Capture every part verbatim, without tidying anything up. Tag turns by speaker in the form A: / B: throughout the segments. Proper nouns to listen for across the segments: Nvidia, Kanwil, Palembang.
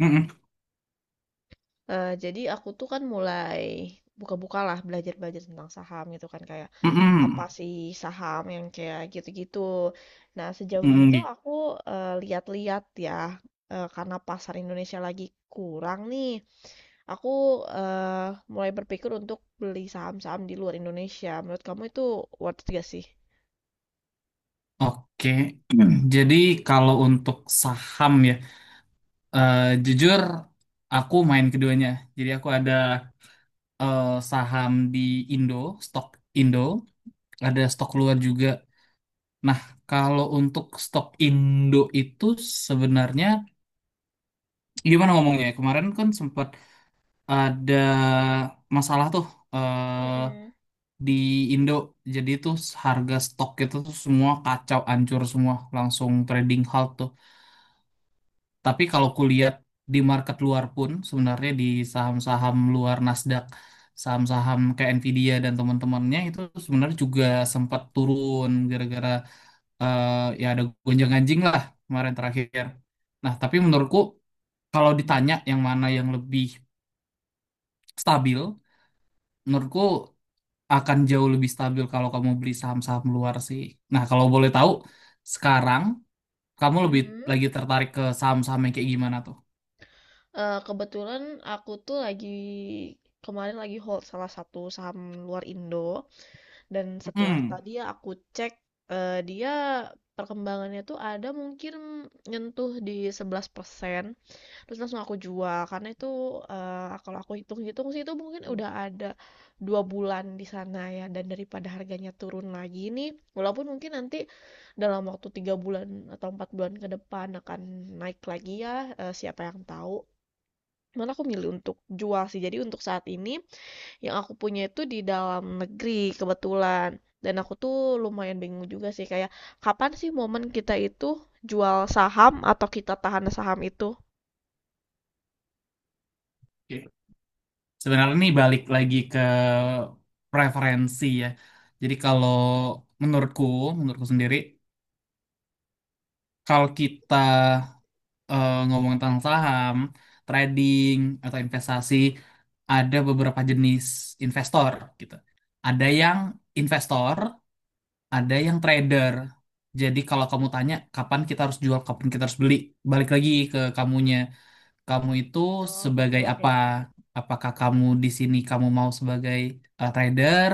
A: Mm-mm,
B: Eee, jadi aku tuh kan mulai buka-buka lah, belajar-belajar tentang saham gitu kan, kayak
A: mm-mm,
B: apa sih saham yang kayak gitu-gitu. Nah, sejauh ini
A: mm,
B: tuh
A: gi-
B: aku, eee, lihat-lihat ya, eee, karena pasar Indonesia lagi kurang nih, aku, eee, mulai berpikir untuk beli saham-saham di luar Indonesia. Menurut kamu itu worth it gak sih?
A: oke. Hmm. Jadi kalau untuk saham ya, eh, jujur aku main keduanya. Jadi aku ada eh, saham di Indo, stok Indo, ada stok luar juga. Nah, kalau untuk stok Indo itu sebenarnya gimana ngomongnya, ya? Kemarin kan sempat ada masalah tuh, eh,
B: Mhm,
A: di Indo. Jadi tuh harga stok itu tuh semua kacau, hancur semua, langsung trading halt tuh. Tapi kalau kulihat di market luar pun sebenarnya, di saham-saham luar Nasdaq, saham-saham kayak Nvidia dan teman-temannya itu sebenarnya juga sempat turun gara-gara, eh, ya ada gonjang-ganjing lah kemarin terakhir. Nah, tapi menurutku kalau ditanya yang mana yang lebih stabil, menurutku akan jauh lebih stabil kalau kamu beli saham-saham luar sih. Nah, kalau boleh tahu, sekarang kamu lebih
B: mhm.
A: lagi tertarik ke saham-saham yang kayak gimana tuh?
B: Eee, kebetulan aku tuh lagi kemarin lagi hold salah satu saham luar Indo. Dan setelah
A: Hmm.
B: tadi yang aku cek, eh, dia perkembangannya tuh ada mungkin nyentuh di sebelas persen terus langsung aku jual. Karena itu eh, kalau aku hitung-hitung sih itu mungkin udah ada dua bulan di sana ya. Dan daripada harganya turun lagi nih, walaupun mungkin nanti dalam waktu tiga bulan atau empat bulan ke depan akan naik lagi ya, eh, siapa yang tahu. Cuman aku milih untuk jual sih. Jadi untuk saat ini yang aku punya itu di dalam negeri kebetulan. Dan aku tuh lumayan bingung juga sih kayak kapan sih momen kita itu jual saham atau kita tahan saham itu?
A: Oke. Sebenarnya ini balik lagi ke preferensi ya. Jadi kalau menurutku, menurutku sendiri, kalau kita eh, ngomong tentang saham, trading atau investasi, ada beberapa jenis investor gitu. Ada yang investor, ada yang trader. Jadi kalau kamu tanya kapan kita harus jual, kapan kita harus beli, balik lagi ke kamunya. Kamu itu
B: Oh,
A: sebagai
B: oke
A: apa?
B: oke. oke.
A: Apakah kamu di sini kamu mau sebagai eh, trader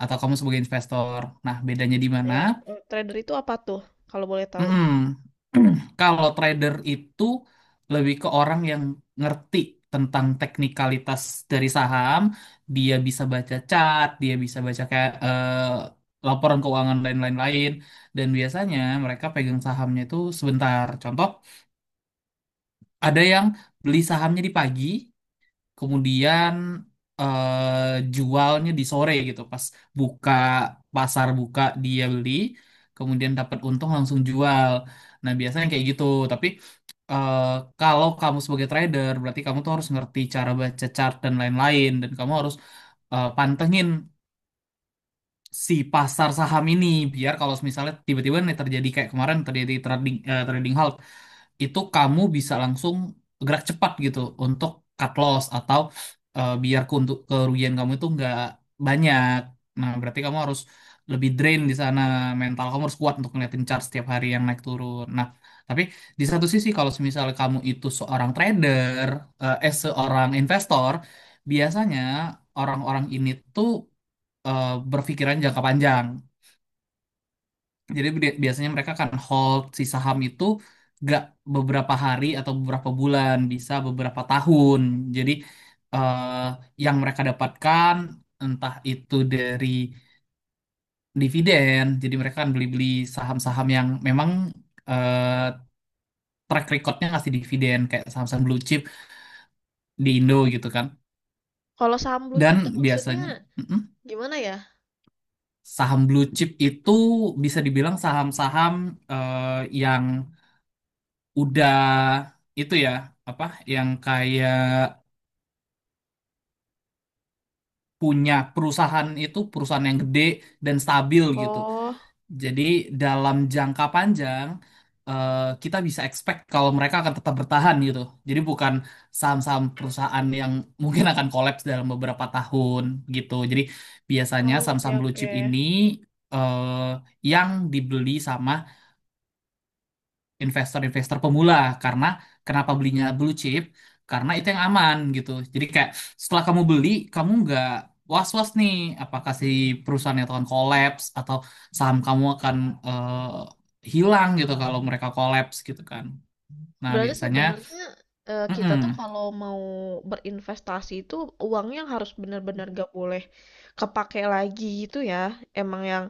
A: atau kamu sebagai investor? Nah, bedanya di mana?
B: Ya, eh, trader itu apa tuh kalau boleh tahu?
A: Mm-mm. Kalau trader itu lebih ke orang yang ngerti tentang teknikalitas dari saham, dia bisa baca chart, dia bisa baca kayak eh, laporan keuangan dan lain-lain. Dan biasanya mereka pegang sahamnya itu sebentar. Contoh, ada yang beli sahamnya di pagi, kemudian eh, jualnya di sore gitu, pas buka, pasar buka dia beli, kemudian dapat untung langsung jual. Nah biasanya kayak gitu. Tapi eh, kalau kamu sebagai trader berarti kamu tuh harus ngerti cara baca chart dan lain-lain, dan kamu harus eh, pantengin si pasar saham ini, biar kalau misalnya tiba-tiba nih terjadi kayak kemarin terjadi trading eh, trading halt, itu kamu bisa langsung gerak cepat gitu untuk cut loss atau eh, biar ke- untuk kerugian kamu itu nggak banyak. Nah, berarti kamu harus lebih drain di sana, mental kamu harus kuat untuk ngeliatin chart setiap hari yang naik turun. Nah, tapi di satu sisi kalau misalnya kamu itu seorang trader, eh eh, seorang investor, biasanya orang-orang ini tuh eh, berpikiran jangka panjang. Jadi bi- biasanya mereka kan hold si saham itu gak beberapa hari atau beberapa bulan, bisa beberapa tahun. Jadi eh, yang mereka dapatkan entah itu dari dividen, jadi mereka kan beli-beli saham-saham yang memang eh, track recordnya ngasih dividen kayak saham-saham blue chip di Indo gitu kan.
B: Kalau saham blue chip tuh
A: Dan
B: maksudnya
A: biasanya mm-mm,
B: gimana ya?
A: saham blue chip itu bisa dibilang saham-saham eh, yang udah itu ya apa, yang kayak punya perusahaan itu perusahaan yang gede dan stabil gitu.
B: Oh,
A: Jadi dalam jangka panjang eh, kita bisa expect kalau mereka akan tetap bertahan gitu. Jadi bukan saham-saham perusahaan yang mungkin akan collapse dalam beberapa tahun gitu. Jadi biasanya
B: oh oke
A: saham-saham blue
B: oke.
A: chip ini eh, yang dibeli sama investor-investor pemula. Karena kenapa belinya blue chip, karena itu yang aman gitu. Jadi kayak setelah kamu beli, kamu nggak was-was nih apakah si perusahaannya akan collapse atau saham kamu akan eh, hilang gitu kalau mereka collapse gitu kan. Nah
B: Berarti
A: biasanya
B: sebenarnya eh, kita tuh
A: mm-mm,
B: kalau mau berinvestasi itu uangnya yang harus benar-benar gak boleh kepake lagi gitu ya. Emang yang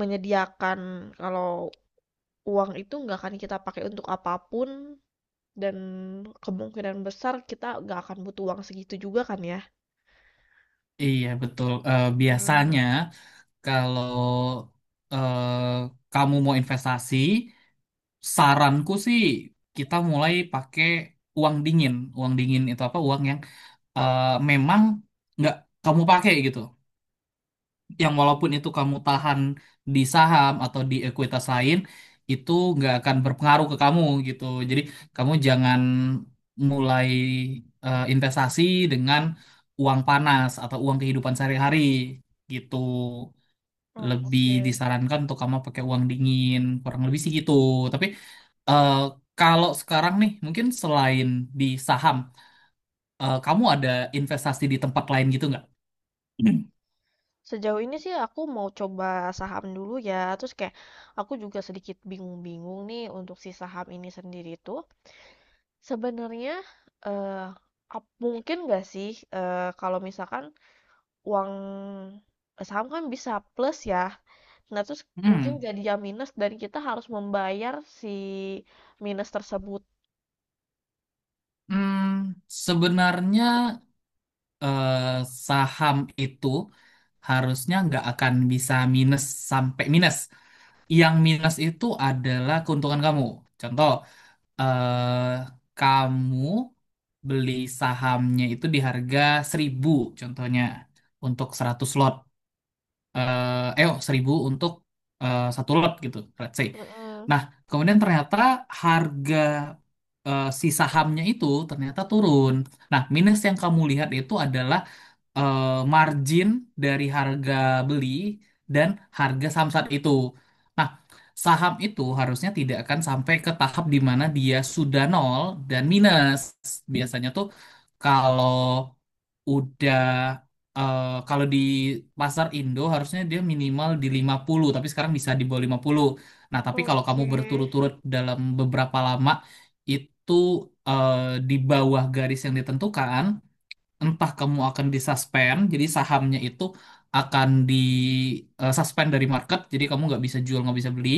B: menyediakan kalau uang itu nggak akan kita pakai untuk apapun dan kemungkinan besar kita nggak akan butuh uang segitu juga kan ya.
A: iya betul. Eh,
B: Hmm.
A: biasanya kalau eh, kamu mau investasi, saranku sih kita mulai pakai uang dingin. Uang dingin itu apa? Uang yang eh, memang nggak kamu pakai gitu. Yang walaupun itu kamu tahan di saham atau di ekuitas lain, itu nggak akan berpengaruh ke kamu gitu. Jadi kamu jangan mulai eh, investasi dengan uang panas atau uang kehidupan sehari-hari gitu.
B: Oh,
A: Lebih
B: oke.
A: disarankan untuk kamu pakai uang dingin, kurang lebih sih gitu. Tapi eh, kalau sekarang nih, mungkin selain di saham, eh, kamu ada investasi di tempat lain gitu nggak?
B: Sejauh ini sih aku mau coba saham dulu ya. Terus kayak aku juga sedikit bingung-bingung nih untuk si saham ini sendiri tuh. Sebenarnya, eee, ap mungkin nggak sih, eee, kalau misalkan uang saham kan bisa plus ya. Nah, terus mungkin
A: Hmm,
B: jadi yang minus dan kita harus membayar si minus tersebut.
A: hmm, sebenarnya eh, saham itu harusnya nggak akan bisa minus sampai minus. Yang minus itu adalah keuntungan kamu. Contoh, eh, kamu beli sahamnya itu di harga seribu, contohnya untuk seratus lot. Eh, eh oh, untuk eh, satu lot gitu, let's say.
B: Mhm.
A: Nah, kemudian ternyata harga eh, si sahamnya itu ternyata turun. Nah, minus yang kamu lihat itu adalah eh, margin dari harga beli dan harga saham saat itu. Nah, saham itu harusnya tidak akan sampai ke tahap di mana dia sudah nol dan minus. Biasanya tuh kalau udah eh, kalau di pasar Indo harusnya dia minimal di lima puluh, tapi sekarang bisa di bawah lima puluh. Nah, tapi kalau kamu
B: Oke.
A: berturut-turut dalam beberapa lama itu eh, di bawah garis yang ditentukan, entah kamu akan disuspend, jadi sahamnya itu akan di eh, suspend dari market, jadi kamu nggak bisa jual, nggak bisa beli,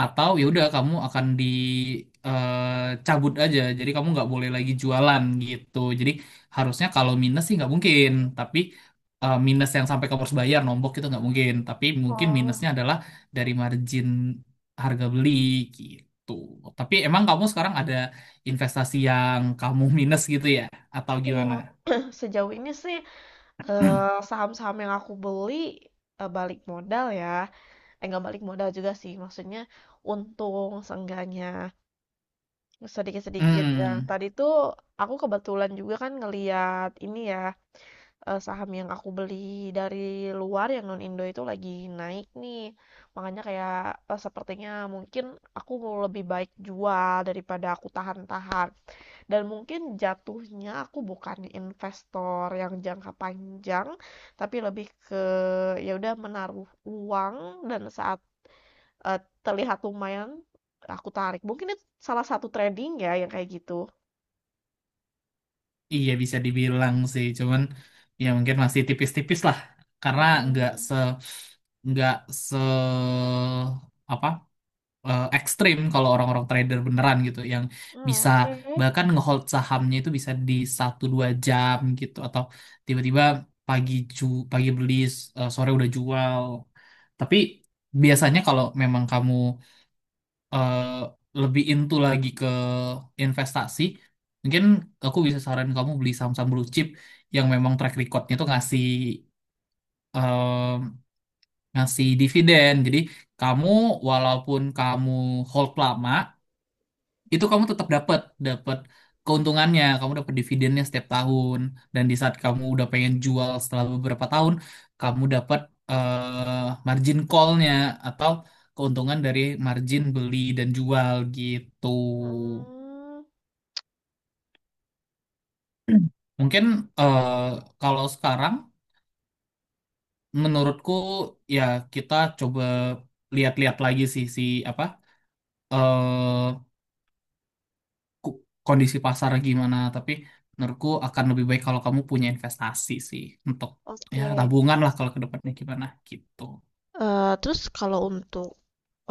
A: atau ya udah kamu akan dicabut aja jadi kamu nggak boleh lagi jualan gitu. Jadi harusnya kalau minus sih nggak mungkin. Tapi eh, minus yang sampai kamu harus bayar nombok itu nggak mungkin, tapi mungkin
B: Oh.
A: minusnya adalah dari margin harga beli gitu. Tapi emang kamu sekarang ada investasi yang kamu minus gitu ya, atau gimana?
B: Wah, sejauh ini sih, eee, saham-saham yang aku beli, eee, balik modal ya, eh, nggak balik modal juga sih, maksudnya untung seenggaknya. Sedikit-sedikit. Nah,
A: Hmm.
B: tadi tuh aku kebetulan juga kan ngeliat ini ya, eee, saham yang aku beli dari luar yang non Indo itu lagi naik nih. Makanya kayak, eee, sepertinya mungkin aku mau lebih baik jual daripada aku tahan-tahan. Dan mungkin jatuhnya aku bukan investor yang jangka panjang, tapi lebih ke ya udah menaruh uang dan saat, eee, terlihat lumayan, aku tarik. Mungkin itu salah satu trading ya yang kayak gitu?
A: Iya bisa dibilang sih, cuman ya mungkin masih tipis-tipis lah karena nggak
B: Mhm.
A: se nggak se apa eh, ekstrim kalau orang-orang trader beneran gitu, yang
B: Oh,
A: bisa
B: oke.
A: bahkan ngehold sahamnya itu bisa di satu dua jam gitu, atau tiba-tiba pagi ju pagi beli eh, sore udah jual. Tapi biasanya kalau memang kamu eh, lebih into lagi ke investasi, mungkin aku bisa saranin kamu beli saham-saham blue chip yang memang track recordnya tuh ngasih em, ngasih dividen. Jadi kamu walaupun kamu hold lama, itu kamu tetap dapat dapat keuntungannya, kamu dapat dividennya setiap tahun. Dan di saat kamu udah pengen jual setelah beberapa tahun, kamu dapat eh, margin call-nya atau keuntungan dari margin beli dan jual gitu.
B: Hmm,
A: Hmm. Mungkin eh, kalau sekarang menurutku ya kita coba lihat-lihat lagi sih si apa, eh, ku- kondisi pasar gimana, tapi menurutku akan lebih baik kalau kamu punya investasi sih, untuk ya
B: oke.
A: tabungan lah kalau ke depannya gimana gitu.
B: Eh, terus kalau untuk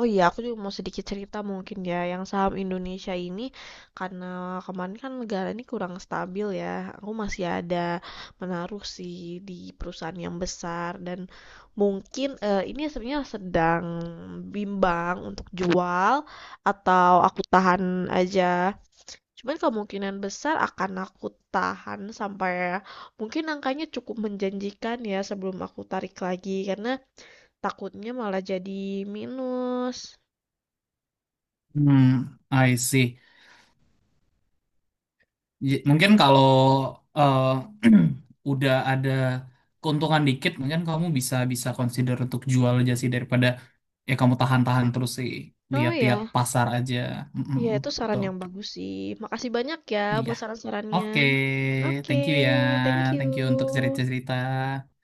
B: oh iya, aku juga mau sedikit cerita mungkin ya. Yang saham Indonesia ini karena kemarin kan negara ini kurang stabil ya. Aku masih ada menaruh sih di perusahaan yang besar dan mungkin eh, ini sebenarnya sedang bimbang untuk jual atau aku tahan aja. Cuman kemungkinan besar akan aku tahan sampai mungkin angkanya cukup menjanjikan ya sebelum aku tarik lagi, karena takutnya malah jadi minus.
A: Hmm, I see. J- Mungkin kalau eh, udah ada keuntungan dikit, mungkin kamu bisa bisa consider untuk jual aja sih daripada ya kamu tahan-tahan terus sih,
B: Oh
A: lihat-lihat
B: ya,
A: pasar aja. Mm-mm,
B: ya itu saran
A: betul.
B: yang bagus sih. Makasih banyak ya
A: Iya.
B: buat saran-sarannya.
A: Oke,
B: Oke,
A: thank you ya.
B: thank you.
A: Thank you untuk cerita-cerita.